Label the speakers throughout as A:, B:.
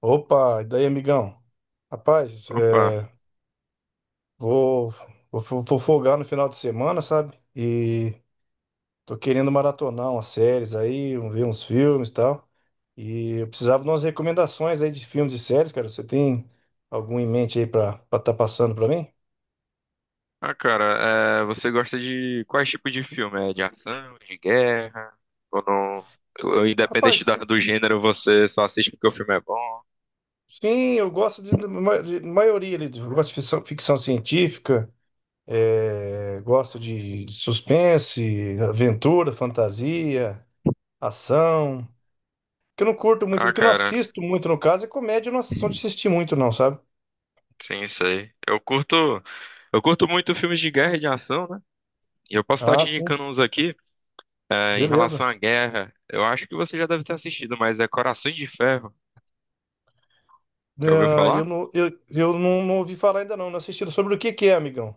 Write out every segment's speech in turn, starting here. A: Opa, e daí, amigão? Rapaz,
B: Pá.
A: vou, vou folgar no final de semana, sabe? E tô querendo maratonar umas séries aí, ver uns filmes e tal. E eu precisava de umas recomendações aí de filmes e séries, cara. Você tem algum em mente aí pra estar tá passando pra mim?
B: Ah, cara, você gosta de quais tipos de filme? É de ação, de guerra? Ou não? Ou independente da-
A: Rapaz,
B: do gênero, você só assiste porque o filme é bom?
A: sim, de maioria ali. Eu gosto de ficção, ficção científica, gosto de suspense, aventura, fantasia, ação. Que eu não curto muito,
B: Ah,
A: que eu não
B: cara,
A: assisto muito, no caso, é comédia, eu não sou de assistir muito, não, sabe?
B: sim, sei. Eu curto muito filmes de guerra e de ação, né? E eu posso estar
A: Ah,
B: te
A: sim,
B: indicando uns aqui. Em relação
A: beleza.
B: à guerra, eu acho que você já deve ter assistido, mas é Corações de Ferro. Já ouviu
A: Ah, eu
B: falar?
A: não, eu, eu não, não ouvi falar ainda não, não assisti. Sobre o que que é, amigão?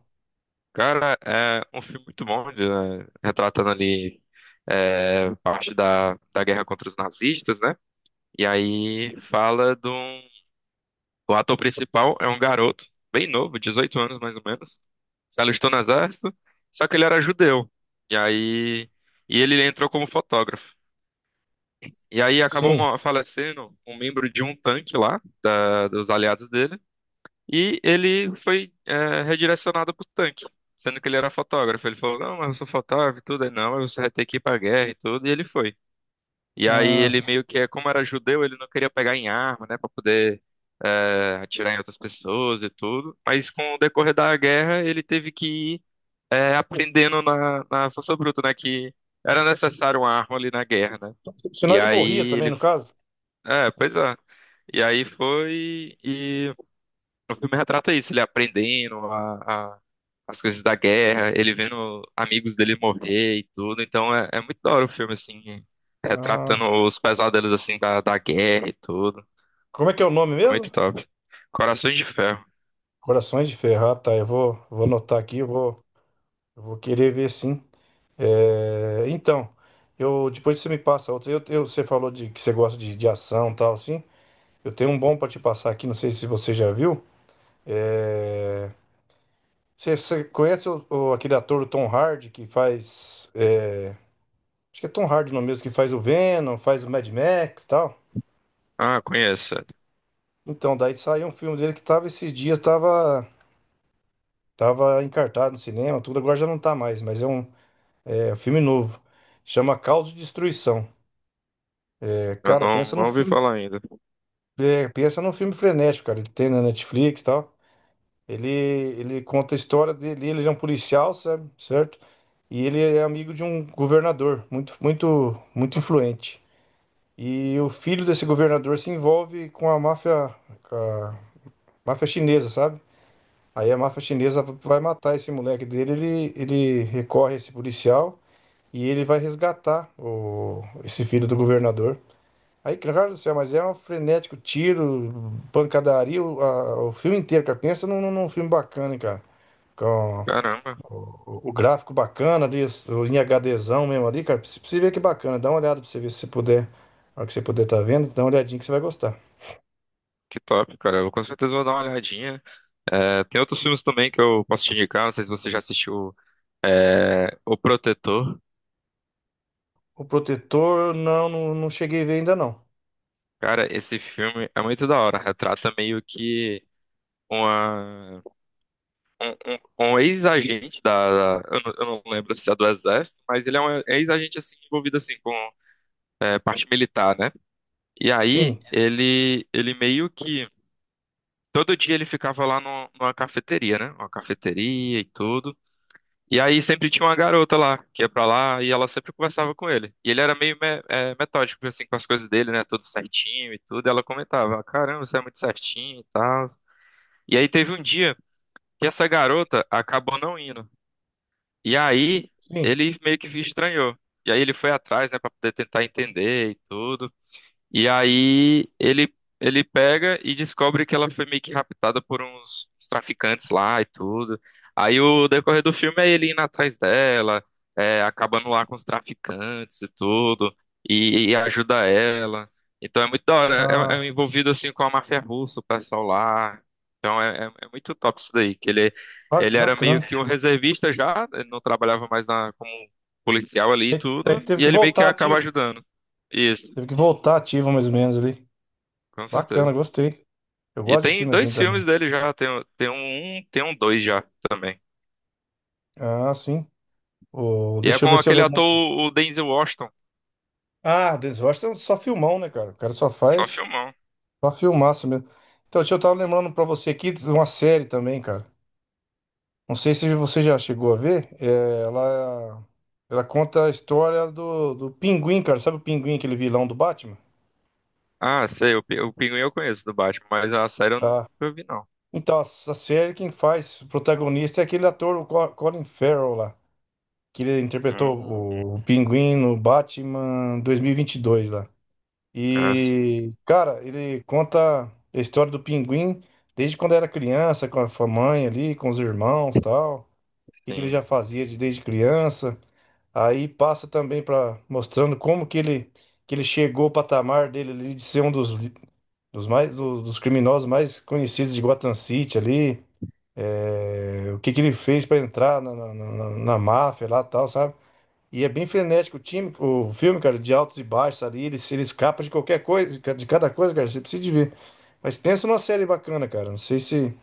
B: Cara, é um filme muito bom, né, retratando ali parte da guerra contra os nazistas, né. E aí fala de um. O ator principal é um garoto, bem novo, 18 anos mais ou menos. Se alistou no exército, só que ele era judeu. E aí. E ele entrou como fotógrafo. E aí acabou
A: Sim.
B: falecendo um membro de um tanque lá, dos aliados dele. E ele foi redirecionado pro tanque, sendo que ele era fotógrafo. Ele falou: não, mas eu sou fotógrafo e tudo. Aí, não, mas você vai ter que ir pra guerra e tudo. E ele foi. E aí
A: Ah,
B: ele meio que, como era judeu, ele não queria pegar em arma, né, pra poder atirar em outras pessoas e tudo. Mas com o decorrer da guerra, ele teve que ir aprendendo na força bruta, né, que era necessário uma arma ali na guerra, né.
A: senão
B: E
A: ele morria
B: aí
A: também,
B: ele,
A: no caso.
B: pois é. E aí foi e o filme retrata isso, ele aprendendo as coisas da guerra, ele vendo amigos dele morrer e tudo. Então é muito da hora o filme, assim, retratando
A: Ah,
B: os pesadelos, assim, da guerra e tudo.
A: como é que é o nome
B: É
A: mesmo?
B: muito top. Corações de Ferro.
A: Corações de Ferro, ah, tá, vou anotar aqui, eu vou querer ver sim. É, então, eu depois você me passa outra. Você falou de que você gosta de ação e tal, assim. Eu tenho um bom pra te passar aqui, não sei se você já viu. É, você conhece aquele ator o Tom Hardy que faz. É, acho que é Tom Hardy no mesmo, que faz o Venom, faz o Mad Max e tal.
B: Ah, conheço.
A: Então, daí saiu um filme dele que tava esses dias, tava encartado no cinema, tudo, agora já não tá mais, é um filme novo. Chama Caos de Destruição. É,
B: Eu
A: cara,
B: não,
A: pensa
B: não
A: num
B: ouvi
A: filme.
B: falar ainda.
A: É, pensa num filme frenético, cara. Ele tem na Netflix e tal. Ele conta a história dele, ele é um policial, sabe? Certo? E ele é amigo de um governador muito, muito, muito influente. E o filho desse governador se envolve com a máfia chinesa, sabe? Aí a máfia chinesa vai matar esse moleque dele, ele recorre a esse policial e ele vai resgatar esse filho do governador. Aí, cara do céu, mas é um frenético tiro, pancadaria, o filme inteiro, cara. Pensa num num filme bacana, hein, cara. Com,
B: Caramba,
A: o gráfico bacana ali, em HDzão mesmo ali, cara. Pra você ver que bacana. Dá uma olhada pra você ver se você puder. Na hora que você puder tá vendo, dá uma olhadinha que você vai gostar.
B: que top, cara. Eu com certeza vou dar uma olhadinha. Tem outros filmes também que eu posso te indicar. Não sei se você já assistiu, O Protetor.
A: O protetor, não, não cheguei a ver ainda não.
B: Cara, esse filme é muito da hora. Retrata meio que uma, um, um- um ex-agente eu não lembro se é do Exército, mas ele é um ex-agente assim envolvido assim com parte militar, né? E
A: Sim,
B: aí ele meio que todo dia ele ficava lá no, numa cafeteria, né? Uma cafeteria e tudo. E aí sempre tinha uma garota lá que ia pra lá e ela sempre conversava com ele. E ele era meio metódico assim com as coisas dele, né? Tudo certinho e tudo. E ela comentava: "Ah, caramba, você é muito certinho e tal". E aí teve um dia que essa garota acabou não indo. E aí
A: sim.
B: ele meio que estranhou. E aí ele foi atrás, né, pra poder tentar entender e tudo. E aí ele pega e descobre que ela foi meio que raptada por uns traficantes lá e tudo. Aí o decorrer do filme é ele indo atrás dela, acabando lá com os traficantes e tudo, e ajuda ela. Então é muito da hora, é é um
A: Ah,
B: envolvido assim com a máfia russa, o pessoal lá. Então é muito top isso daí, que ele, ele era
A: bacana.
B: meio que um reservista já, ele não trabalhava mais na, como policial ali e
A: Aí,
B: tudo,
A: teve
B: e
A: que
B: ele meio que
A: voltar
B: acaba
A: ativo.
B: ajudando. Isso,
A: Teve que voltar ativo mais ou menos ali.
B: com
A: Bacana,
B: certeza.
A: gostei. Eu
B: E
A: gosto de
B: tem
A: filme assim
B: dois filmes
A: também.
B: dele já, tem tem um dois já também.
A: Ah, sim. O,
B: E é
A: deixa eu
B: com
A: ver se eu
B: aquele ator,
A: lembro.
B: o Denzel Washington,
A: Ah, Denzel Washington é só filmão, né, cara? O cara só
B: só
A: faz.
B: filmão.
A: Só filmaço mesmo. Então, deixa eu tava lembrando pra você aqui de uma série também, cara. Não sei se você já chegou a ver. É, ela conta a história do Pinguim, cara. Sabe o Pinguim, aquele vilão do Batman?
B: Ah, sei, o Pinguim eu conheço do Batman, mas a série eu
A: Tá.
B: nunca vi não.
A: Então, essa série quem faz o protagonista é aquele ator, o Colin Farrell lá. Que ele interpretou
B: Hum,
A: o Pinguim no Batman dois mil e vinte e dois lá.
B: ah, sim,
A: E, cara, ele conta a história do Pinguim desde quando era criança, com a mãe ali, com os irmãos tal. Que ele
B: sim.
A: já fazia desde criança. Aí passa também para mostrando como que ele chegou ao patamar dele ali de ser um dos mais dos criminosos mais conhecidos de Gotham City ali. É, o que que ele fez para entrar na máfia lá e tal, sabe? E é bem frenético o time, o filme, cara, de altos e baixos ali, ele, se- ele escapa de qualquer coisa, de cada coisa, cara, você precisa de ver. Mas pensa numa série bacana, cara. Não sei se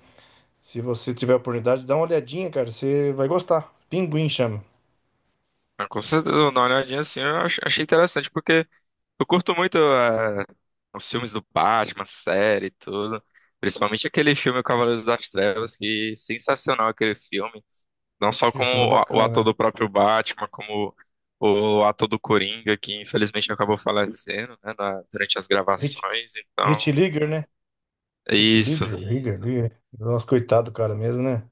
A: se você tiver a oportunidade, dá uma olhadinha, cara, você vai gostar. Pinguim chama.
B: Ah, com certeza, eu vou dar uma olhadinha assim, eu achei interessante, porque eu curto muito os filmes do Batman, série e tudo. Principalmente aquele filme O Cavaleiro das Trevas, que sensacional aquele filme. Não só
A: Que
B: como
A: filme é
B: o
A: bacana,
B: ator
A: né?
B: do próprio Batman, como o ator do Coringa, que infelizmente acabou falecendo, né, durante as
A: Hit,
B: gravações, então,
A: Hit Ligger, né?
B: é
A: Hit
B: isso.
A: Leader, Ligger, Isso. Ligger. Nossa, coitado do cara mesmo, né?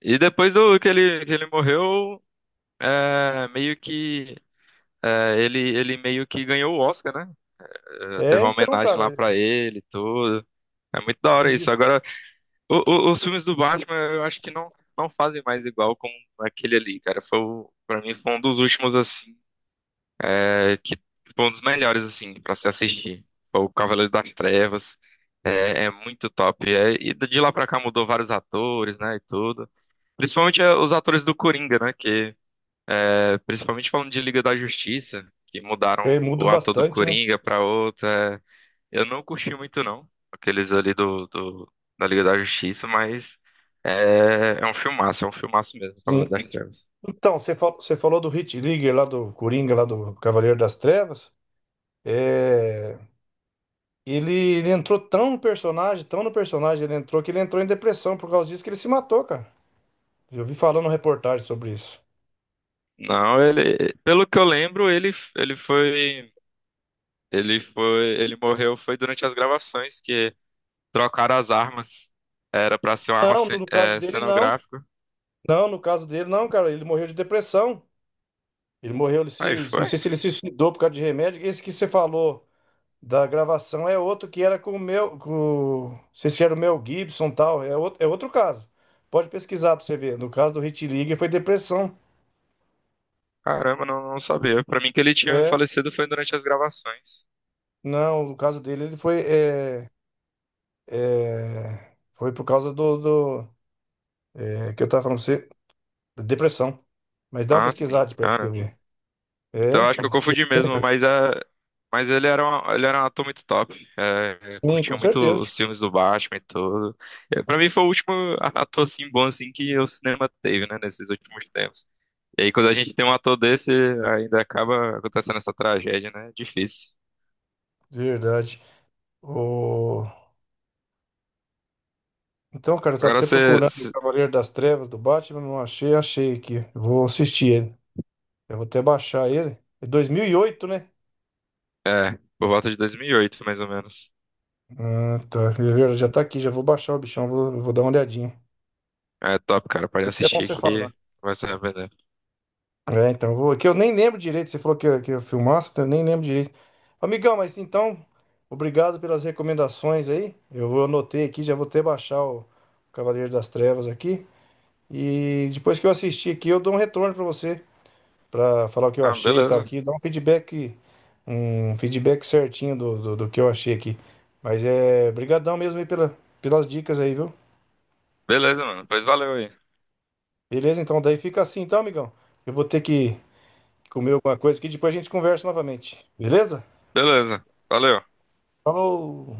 B: E depois do que ele morreu, meio que, ele meio que ganhou o Oscar, né? É, teve
A: É,
B: uma
A: então,
B: homenagem lá
A: cara,
B: pra ele e tudo. É muito da
A: e
B: hora isso.
A: diz-
B: Agora, o- os filmes do Batman, eu acho que não fazem mais igual com aquele ali, cara. Foi, pra mim, foi um dos últimos, assim, que foi um dos melhores, assim, pra se assistir. Foi O Cavaleiro das Trevas. É, é muito top. É, e de lá pra cá mudou vários atores, né, e tudo. Principalmente os atores do Coringa, né, que... principalmente falando de Liga da Justiça, que mudaram
A: é, muda
B: o ator do
A: bastante, né?
B: Coringa pra outro. Eu não curti muito, não. Aqueles ali da Liga da Justiça, mas... É um filmaço, é um filmaço mesmo, Cavaleiro
A: Sim.
B: das Trevas.
A: Então, você falou do Hit Ligger lá do Coringa, lá do Cavaleiro das Trevas. É, ele entrou tão no personagem, ele entrou que ele entrou em depressão por causa disso que ele se matou, cara. Eu vi falando reportagem sobre isso.
B: Não, ele, pelo que eu lembro, ele foi. Ele foi, ele morreu foi durante as gravações que trocaram as armas. Era pra ser uma arma
A: Não, no caso dele, não.
B: cenográfica.
A: Não, no caso dele, não, cara. Ele morreu de depressão. Ele morreu, ele
B: Aí
A: se, não
B: foi?
A: sei se ele se suicidou por causa de remédio. Esse que você falou da gravação é outro que era com o meu, com, não sei se era o Mel Gibson e tal, é outro caso. Pode pesquisar pra você ver. No caso do Hit League foi depressão.
B: Caramba, não sabia. Pra mim que ele tinha
A: É,
B: falecido foi durante as gravações.
A: não, no caso dele ele foi, foi por causa do, do é, que eu tava falando pra você, da depressão. Mas dá uma
B: Ah, sim,
A: pesquisada pra você
B: caramba.
A: ver.
B: Então
A: É,
B: acho que eu confundi mesmo, mas ele era um ator muito top.
A: sim,
B: Curtia
A: com
B: muito
A: certeza.
B: os filmes do Batman e tudo. Para mim foi o último ator assim bom assim que o cinema teve, né, nesses últimos tempos. E aí, quando a gente tem um ator desse, ainda acaba acontecendo essa tragédia, né? Difícil.
A: De verdade. O... Então, cara, eu tô
B: Agora
A: até
B: você.
A: procurando o
B: se-
A: Cavaleiro das Trevas do Batman, não achei, achei aqui. Eu vou assistir ele. Eu vou até baixar ele. É 2008, né?
B: É, por volta de 2008, mais ou menos.
A: Ah, tá. Eu já tá aqui, já vou baixar o bichão, vou dar uma olhadinha.
B: É top, cara. Pode
A: Foi até bom
B: assistir
A: você falar.
B: que
A: Né?
B: vai se arrepender.
A: É, então, eu vou, que eu nem lembro direito, você falou que eu filmasse, então eu nem lembro direito. Amigão, mas então, obrigado pelas recomendações aí. Eu anotei aqui, já vou até baixar o Cavaleiro das Trevas aqui. E depois que eu assistir aqui, eu dou um retorno pra você. Para falar o que eu
B: Ah,
A: achei e tal
B: beleza.
A: aqui, dar um feedback certinho do que eu achei aqui. Mas é, brigadão mesmo aí pela, pelas dicas aí, viu?
B: Beleza, mano. Pois valeu aí.
A: Beleza, então daí fica assim, então, amigão. Eu vou ter que comer alguma coisa aqui, depois a gente conversa novamente. Beleza?
B: Beleza. Valeu.
A: Falou!